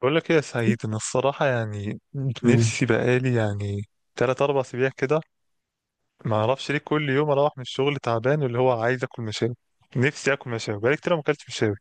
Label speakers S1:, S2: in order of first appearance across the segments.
S1: بقول لك ايه يا سعيد، انا الصراحه يعني
S2: مم.
S1: نفسي بقالي يعني تلات اربع اسابيع كده. ما اعرفش ليه كل يوم اروح من الشغل تعبان، واللي هو عايز اكل مشاوي. نفسي اكل مشاوي بقالي كتير ما اكلتش مشاوي.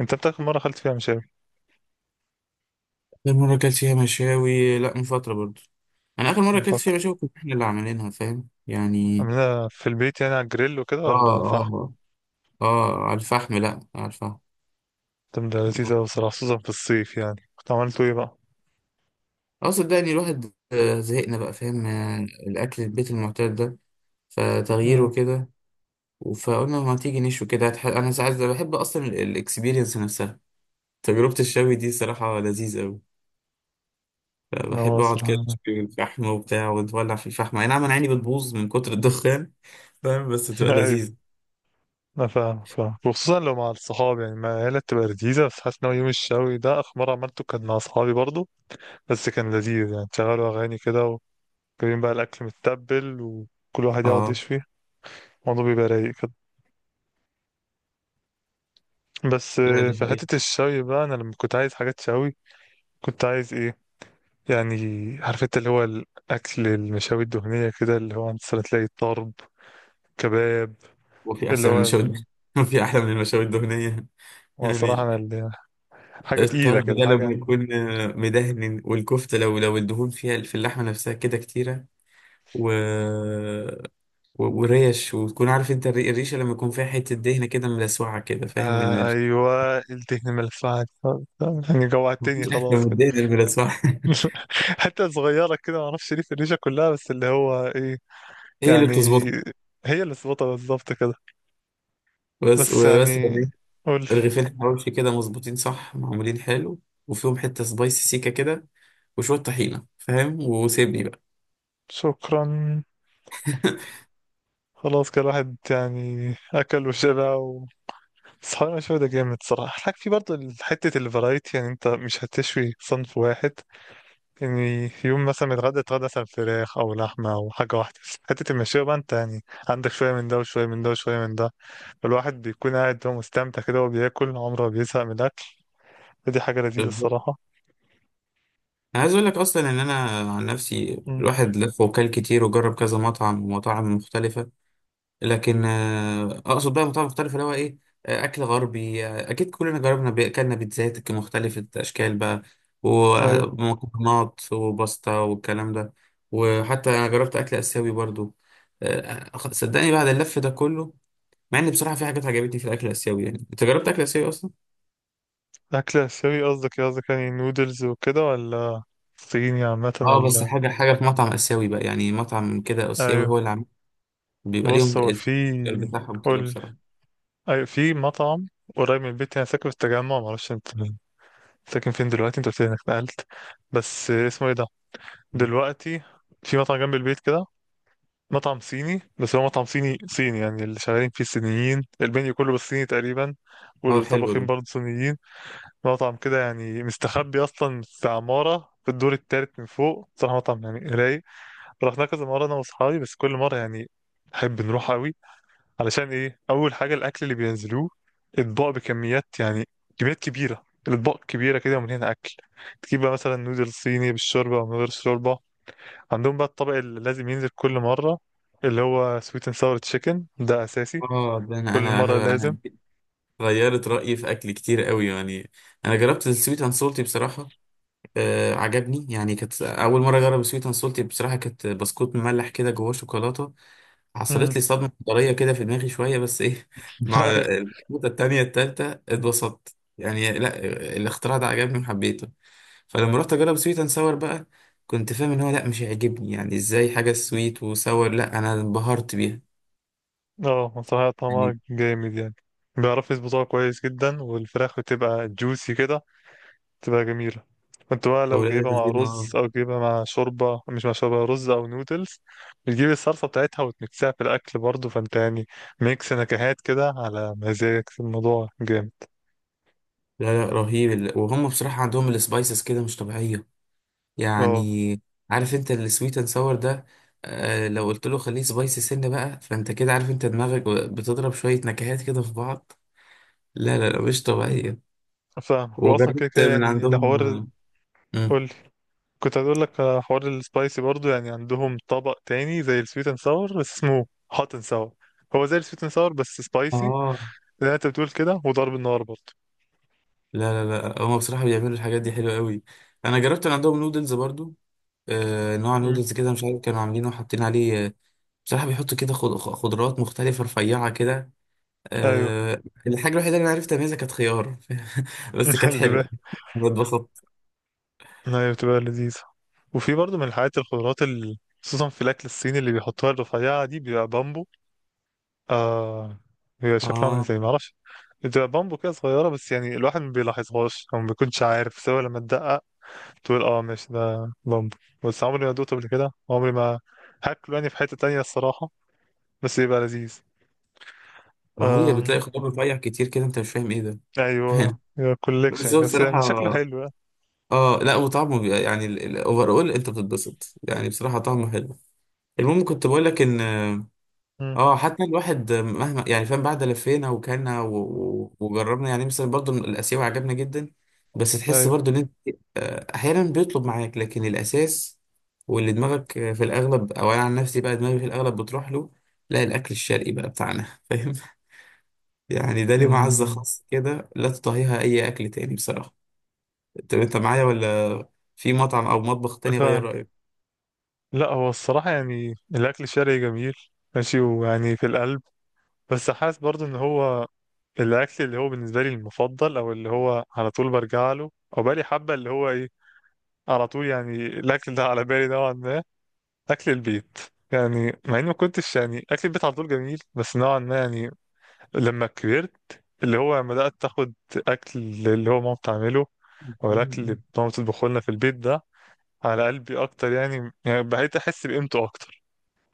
S1: انت بتاكل مره اكلت فيها مشاوي؟
S2: آخر مرة أكلت فيها مشاوي، لأ، من فترة برضو. أنا آخر مرة
S1: من
S2: أكلت
S1: فتره
S2: فيها مشاوي كنا إحنا اللي عاملينها، فاهم يعني.
S1: عاملها في البيت يعني على الجريل وكده
S2: آه،
S1: ولا فحم؟
S2: آه، آه، على الفحم، لأ، على الفحم.
S1: طب ده لذيذ
S2: اه
S1: قوي الصراحه، خصوصا في الصيف. يعني كنت عملته ايه بقى؟
S2: صدقني الواحد، زهقنا بقى، فاهم، الاكل البيت المعتاد ده، فتغييره
S1: امم
S2: كده. فقلنا ما تيجي نشوي كده، انا ساعات بحب اصلا الاكسبيرينس نفسها. تجربة الشوي دي صراحة لذيذة أوي.
S1: هو
S2: بحب أقعد كده
S1: الصراحه
S2: أشوي الفحم وبتاع، ونولع في الفحم، أي نعم، أنا عيني بتبوظ من كتر الدخان، فاهم، بس تبقى
S1: ايوه،
S2: لذيذة.
S1: انا فاهم وخصوصا لو مع الصحاب يعني مع العيله بتبقى لذيذه. بس حاسس ان هو يوم الشوي ده اخر مره عملته كان مع صحابي برضه. بس كان لذيذ، يعني تشغلوا أغاني كده، وجايبين بقى الأكل متبل وكل واحد يقعد
S2: اه،
S1: يشوي. الموضوع بيبقى رايق كده. بس
S2: لا، دي
S1: في
S2: حقيقة.
S1: حتة الشوي بقى، أنا لما كنت عايز حاجات شوي، كنت عايز إيه يعني؟ عارف أنت اللي هو الأكل المشاوي الدهنية كده، اللي هو أنت مثلاً تلاقي طرب، كباب،
S2: وفي
S1: اللي
S2: أحسن من
S1: هو
S2: المشاوي
S1: ال...
S2: وفي أحلى من المشاوي الدهنية،
S1: وصراحة
S2: يعني
S1: أنا اللي... حاجة تقيلة
S2: الطرب
S1: كده،
S2: ده لما
S1: حاجة.
S2: يكون مدهن، والكفتة لو الدهون فيها في اللحمة نفسها كده كتيرة، و... و... وريش، وتكون عارف أنت الريشة لما يكون فيها حتة دهنة كده ملسوعة كده، فاهم من
S1: آه
S2: ال...
S1: أيوة، الدهن الملفعة، يعني جوعتني
S2: مفيش أحلى
S1: خلاص
S2: من
S1: كده.
S2: الدهن الملسوعة
S1: حتة صغيرة كده، معرفش ليه في الريشة كلها، بس اللي هو إيه
S2: هي اللي
S1: يعني،
S2: بتظبطها.
S1: هي اللي ظبطها بالظبط كده.
S2: بس
S1: بس
S2: وبس
S1: يعني،
S2: لما يكون
S1: قولي.
S2: رغيفين حواوشي كده مظبوطين صح، معمولين حلو، وفيهم حتة سبايسي سيكة كده، وشوية طحينة، فاهم، وسيبني بقى.
S1: شكرا. خلاص كده الواحد يعني أكل وشبع و- بس حوالي مشوي ده جامد صراحة. الحاجة في برضه حتة الفرايتي، يعني أنت مش هتشوي صنف واحد. يعني يوم مثلا اتغدى، مثلا فراخ أو لحمة أو حاجة واحدة. حتة المشوية بقى أنت يعني عندك شوية من ده وشوية من ده وشوية من ده. الواحد بيكون قاعد هو مستمتع كده وهو بياكل، عمره ما بيزهق من الأكل. فدي حاجة لذيذة
S2: بالظبط.
S1: الصراحة.
S2: انا عايز اقول لك اصلا ان انا عن نفسي،
S1: مم.
S2: الواحد لف وكل كتير، وجرب كذا مطعم ومطاعم مختلفه. لكن اقصد بقى مطاعم مختلفه، اللي هو ايه، اكل غربي، اكيد كلنا جربنا اكلنا بيتزات مختلفه اشكال بقى،
S1: أيوه.
S2: ومكرونات وباستا والكلام ده، وحتى انا جربت اكل اسيوي برضو. صدقني بعد اللف ده كله، مع ان بصراحه في حاجات عجبتني في الاكل الاسيوي. يعني انت جربت اكل اسيوي اصلا؟
S1: أكل آسيوي قصدك إيه؟ قصدك يعني نودلز وكده، ولا صيني عامة
S2: اه، بس
S1: ولا؟
S2: حاجه حاجه في مطعم اسيوي بقى، يعني مطعم كده اسيوي هو
S1: أيوه.
S2: اللي عامل، بيبقى ليهم
S1: بص هو في،
S2: التفكير بتاعهم كده،
S1: قول.
S2: بصراحة.
S1: أيوه، في مطعم قريب من البيت يعني، أنا ساكن في التجمع، معرفش أنت ساكن فين دلوقتي، أنت قلت لي إنك نقلت. بس اسمه إيه ده دلوقتي؟ في مطعم جنب البيت كده، مطعم صيني، بس هو مطعم صيني صيني، يعني اللي شغالين فيه صينيين، المنيو كله بالصيني تقريبا،
S2: هو حلو
S1: والطباخين
S2: ده.
S1: برضه صينيين. مطعم كده يعني مستخبي اصلا في عمارة في الدور التالت من فوق. صراحة مطعم يعني رايق. رحنا كذا مرة أنا وأصحابي، بس كل مرة يعني نحب نروح أوي. علشان إيه؟ أول حاجة الأكل اللي بينزلوه أطباق بكميات يعني، كميات كبيرة، الأطباق كبيرة كده ومليانة أكل. تجيب بقى مثلا نودل صيني بالشوربة أو من غير شوربة. عندهم بقى الطبق اللي لازم ينزل كل مرة، اللي هو سويت اند ساور تشيكن، ده أساسي
S2: اه، ده انا
S1: كل
S2: انا
S1: مرة
S2: انا
S1: لازم.
S2: أنا غيرت رأيي في اكل كتير قوي، يعني. انا جربت السويت اند سولتي، بصراحة عجبني، يعني كانت اول مرة اجرب السويت اند سولتي، بصراحة كانت بسكوت مملح كده جواه شوكولاتة. حصلت
S1: مم.
S2: لي صدمة حضارية كده في دماغي شوية، بس ايه، مع
S1: أيوه.
S2: البسكوتة التانية التالتة اتبسطت، يعني لا، الاختراع ده عجبني وحبيته. فلما رحت اجرب سويت اند ساور بقى، كنت فاهم ان هو لا مش هيعجبني، يعني ازاي حاجه سويت وساور، لا انا انبهرت بيها،
S1: أه صراحة
S2: يعني
S1: طعمها جامد يعني، بيعرفوا يظبطوها كويس جدا، والفراخ بتبقى جوسي كده، تبقى جميلة. كنت بقى لو
S2: اولاد
S1: جايبها مع
S2: الذين
S1: رز
S2: اه.
S1: أو جايبها مع شوربة، مش مع شوربة، رز أو نودلز، بتجيب الصلصة بتاعتها وتمكسها في الأكل برضه. فأنت يعني ميكس نكهات كده على مزاجك، الموضوع جامد.
S2: لا، لا، رهيب، وهم بصراحه عندهم السبايسز كده مش طبيعيه،
S1: اه.
S2: يعني. عارف انت السويت اند ساور ده؟ لو قلت له خليه سبايسي سنه بقى، فانت كده عارف، انت دماغك بتضرب شويه نكهات كده في بعض، لا، لا، لا، مش طبيعيه.
S1: فاهم، هو أصلا كده
S2: وجربت
S1: كده
S2: من
S1: يعني
S2: عندهم
S1: الحوار.
S2: آه مم.
S1: قولي. كنت هقول لك على حوار السبايسي برضه. يعني عندهم طبق تاني زي السويت اند ساور، بس اسمه هوت اند ساور. هو زي السويت اند ساور بس سبايسي،
S2: آه،
S1: زي ما انت بتقول كده، وضرب النار برضه.
S2: لا، لا، لا، هم بصراحه بيعملوا الحاجات دي حلوه قوي. انا جربت من عندهم نودلز برضو، نوع
S1: مم.
S2: نودلز كده مش عارف كانوا عاملينه وحاطين عليه. بصراحة بيحطوا كده خضروات مختلفة رفيعة كده،
S1: ايوه.
S2: الحاجة الوحيدة اللي أنا عرفت أميزها كانت خيار، بس كانت حلوة. أنا اتبسطت.
S1: هي بتبقى لذيذة. وفي برضه من الحاجات الخضروات ال- خصوصا في الأكل الصيني اللي بيحطوها الرفيعة دي، بيبقى بامبو. آه، بيبقى شكله عامل
S2: آه،
S1: ازاي معرفش، بتبقى بامبو كده صغيرة، بس يعني الواحد ما بيلاحظهاش أو ما بيكونش عارف، سواء لما تدقق تقول اه ماشي ده بامبو. بس عمري ما دوقته قبل كده، عمري ما هاكله يعني في حتة تانية الصراحة. بس يبقى لذيذ.
S2: ما هي
S1: آم،
S2: بتلاقي خضار رفيع كتير كده، أنت مش فاهم إيه ده.
S1: أيوه، يبقى
S2: بس
S1: كوليكشن،
S2: هو
S1: بس يعني شكله
S2: بصراحة،
S1: حلو يعني.
S2: آه، لا، وطعمه يعني الأوفر أول أنت بتتبسط، يعني بصراحة طعمه حلو. المهم كنت بقول لك إن
S1: مم.
S2: اه حتى الواحد مهما، يعني فاهم، بعد لفينا وكلنا وجربنا، يعني مثلا برضو الاسيوي عجبنا جدا. بس تحس
S1: أيوه.
S2: برضو ان انت احيانا بيطلب معاك، لكن الاساس واللي دماغك في الاغلب، او انا عن نفسي بقى دماغي في الاغلب بتروح له لا الاكل الشرقي بقى بتاعنا. فاهم، يعني ده ليه معزة
S1: مم.
S2: خاصة كده، لا تطهيها اي اكل تاني بصراحة. طب انت معايا ولا في مطعم او مطبخ تاني غير
S1: فاهم.
S2: رأيك؟
S1: لا هو الصراحة يعني الأكل الشرقي جميل، ماشي ويعني في القلب. بس حاسس برضو إن هو الأكل اللي هو بالنسبة لي المفضل، أو اللي هو على طول برجع له، أو بقالي حبة اللي هو إيه، على طول يعني الأكل ده على بالي نوعا ما، أكل البيت. يعني مع إني ما كنتش يعني أكل البيت على طول جميل، بس نوعا ما يعني لما كبرت، اللي هو لما بدأت تاخد أكل، اللي هو ماما بتعمله، أو الأكل اللي ماما بتطبخه لنا في البيت ده، على قلبي أكتر يعني، يعني بقيت أحس بقيمته أكتر،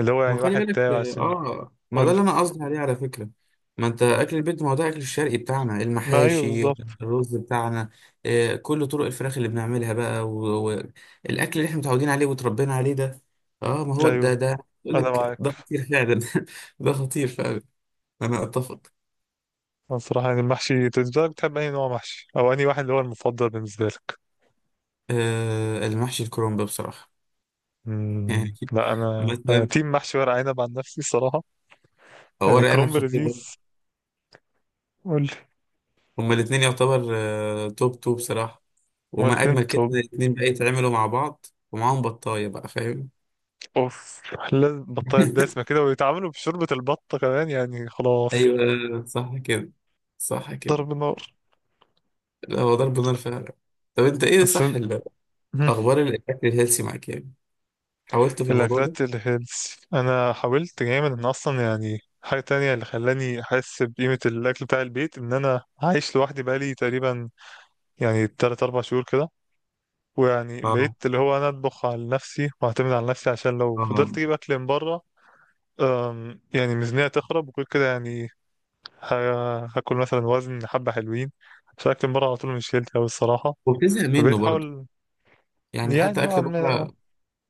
S1: اللي هو
S2: ما
S1: يعني
S2: خلي
S1: واحد تاعي
S2: بالك،
S1: عشان،
S2: ما
S1: قول
S2: ده
S1: لي.
S2: اللي انا قصدي عليه على فكره، ما انت اكل البيت ما هو ده اكل الشرقي بتاعنا،
S1: ما ايوه
S2: المحاشي،
S1: بالظبط.
S2: الرز بتاعنا، آه، كل طرق الفراخ اللي بنعملها بقى، والاكل اللي احنا متعودين عليه وتربينا عليه ده، اه ما هو ده
S1: ايوه،
S2: ده يقول
S1: انا
S2: لك
S1: معاك.
S2: ده خطير فعلا. ده خطير فعلا، انا اتفق.
S1: أنا الصراحه يعني المحشي، انت بالنسبه لك بتحب اي نوع محشي، او انهي واحد اللي هو المفضل بالنسبه لك؟
S2: آه، المحشي الكرنب بصراحه. يعني
S1: امم، لا انا، انا
S2: مثلا،
S1: تيم محشي ورق عنب عن نفسي الصراحه. يعني
S2: ورق عنب
S1: كرنب
S2: خطير
S1: لذيذ.
S2: ده،
S1: قول لي.
S2: هما الاثنين يعتبر توب توب بصراحه،
S1: هما
S2: وما
S1: الاتنين
S2: اجمل كده إن
S1: توب.
S2: الاتنين بقى يتعملوا مع بعض، ومعاهم بطاية بقى، فاهم.
S1: اوف، لازم بطاطا دسمه كده، ويتعاملوا بشوربه البطه كمان، يعني خلاص،
S2: ايوه، صح كده، صح كده،
S1: ضرب نار.
S2: لا هو ضرب نار فعلا. طب انت ايه،
S1: بس
S2: صح، اخبار الاكل الهيلثي معاك، يعني حاولت في الموضوع ده؟
S1: الأكلات الهيلثي أنا حاولت جامد، إن أصلا يعني حاجة تانية اللي خلاني أحس بقيمة الأكل بتاع البيت، إن أنا عايش لوحدي بقالي تقريبا يعني تلات أربع شهور كده، ويعني بقيت
S2: اه،
S1: اللي هو أنا أطبخ على نفسي وأعتمد على نفسي، عشان لو فضلت
S2: اه،
S1: أجيب أكل من بره، يعني ميزانية تخرب وكل كده يعني، ه- هاكل مثلا وزن حبة حلوين، عشان أكل من بره على طول مش هيلثي أوي الصراحة.
S2: وبتزهق منه
S1: فبقيت
S2: برضه،
S1: أحاول
S2: يعني
S1: يعني
S2: حتى
S1: نوعا
S2: اكل
S1: ما أه.
S2: بره،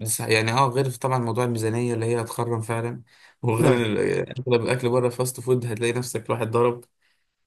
S2: يعني غير طبعا موضوع الميزانيه اللي هي هتخرم فعلا، وغير
S1: أيوه.
S2: اغلب الاكل بره فاست فود، هتلاقي نفسك الواحد ضرب.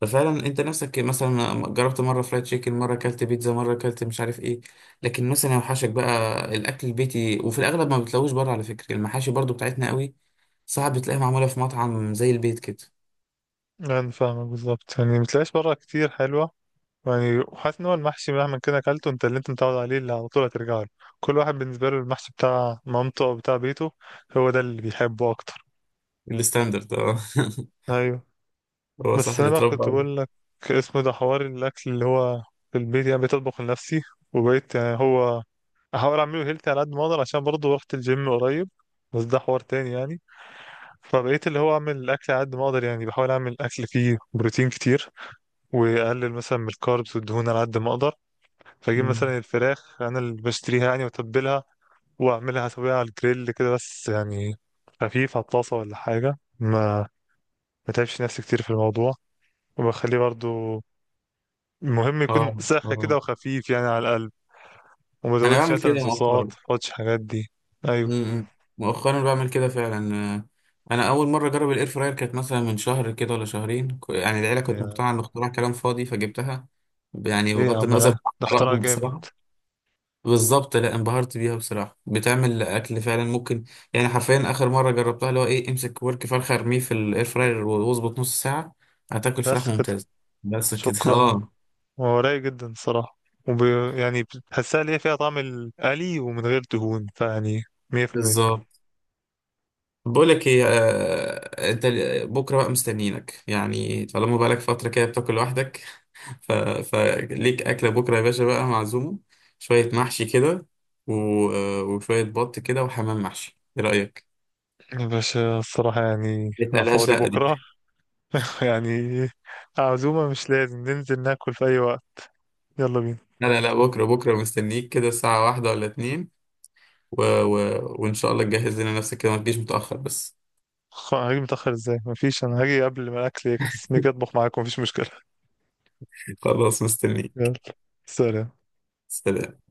S2: ففعلا انت نفسك مثلا جربت مره فرايد تشيكن، مره اكلت بيتزا، مره اكلت مش عارف ايه، لكن مثلا يوحشك بقى الاكل البيتي، وفي الاغلب ما بتلاقوش بره، على فكره المحاشي برضو بتاعتنا قوي، صعب تلاقيها معموله في مطعم زي البيت كده.
S1: يعني فاهمك بالظبط، يعني متلاقيش بره كتير حلوة. يعني حاسس ان هو المحشي مهما كده اكلته، انت اللي انت متعود عليه، اللي على طول هترجع له. كل واحد بالنسبه له المحشي بتاع مامته او بتاع بيته، هو ده اللي بيحبه اكتر.
S2: الستاندرد، اه.
S1: ايوه.
S2: هو صح
S1: بس انا
S2: اللي
S1: بقى
S2: اتربى
S1: كنت
S2: عليه.
S1: بقول لك، اسمه ده حوار الاكل اللي هو في البيت. يعني بقيت اطبخ لنفسي، وبقيت يعني هو احاول اعمله هيلثي على قد ما اقدر، عشان برضه رحت الجيم قريب، بس ده حوار تاني يعني. فبقيت اللي هو اعمل الاكل على قد ما اقدر، يعني بحاول اعمل اكل فيه بروتين كتير، واقلل مثلا من الكاربس والدهون على قد ما اقدر. فاجيب
S2: مم.
S1: مثلا الفراخ انا اللي بشتريها يعني واتبلها، واعملها اسويها على الجريل كده، بس يعني خفيف على الطاسه ولا حاجه، ما ما تعبش نفسي كتير في الموضوع. وبخليه برضو المهم يكون
S2: اه،
S1: ساخن كده،
S2: اه،
S1: وخفيف يعني على القلب، وما
S2: انا
S1: زودش
S2: بعمل
S1: مثلا
S2: كده
S1: صوصات،
S2: مؤخرا.
S1: ما احطش حاجات دي. ايوه.
S2: امم مؤخرا بعمل كده فعلا. انا اول مره اجرب الاير فراير كانت مثلا من شهر كده ولا شهرين يعني العيله كانت
S1: يا
S2: مقتنعه ان اختراع كلام فاضي، فجبتها يعني
S1: ليه يا
S2: بغض
S1: عم لا،
S2: النظر عن
S1: ده اختراع
S2: ارائهم
S1: جامد.
S2: بصراحه. بالظبط، لا، انبهرت بيها بصراحه، بتعمل اكل فعلا ممكن، يعني حرفيا اخر مره جربتها اللي هو ايه، امسك ورك فرخه ارميه في الاير فراير واظبط نص ساعه، هتاكل فراخ
S1: بس كده؟
S2: ممتازه. بس كده.
S1: شكرا.
S2: اه،
S1: هو رايق جدا الصراحه، وب... يعني بتحسها ليه فيها طعم القلي ومن غير دهون، فيعني 100%.
S2: بالظبط. بقول لك ايه، انت بكره بقى مستنيينك، يعني طالما بقالك فتره كده بتاكل لوحدك، ف... فليك أكلة بكرة يا باشا بقى، معزومة. شوية محشي كده، و... آه، وشوية بط كده وحمام محشي، إيه رأيك؟
S1: بس الصراحة يعني
S2: ما
S1: أنا
S2: تقلقهاش،
S1: فاضي
S2: لأ، دي،
S1: بكرة. يعني عزومة مش لازم ننزل ناكل في أي وقت، يلا بينا.
S2: لا، لا، لا، بكرة بكرة مستنيك كده، الساعة واحدة ولا اتنين، وإن شاء الله تجهز لنا نفسك كده، ما تجيش متأخر بس.
S1: خ- هاجي متأخر ازاي؟ مفيش، أنا هاجي قبل ما الأكل يجهز، نيجي أطبخ معاكم، مفيش مشكلة.
S2: خلاص
S1: يلا.
S2: مستنيك.
S1: سلام.
S2: سلام.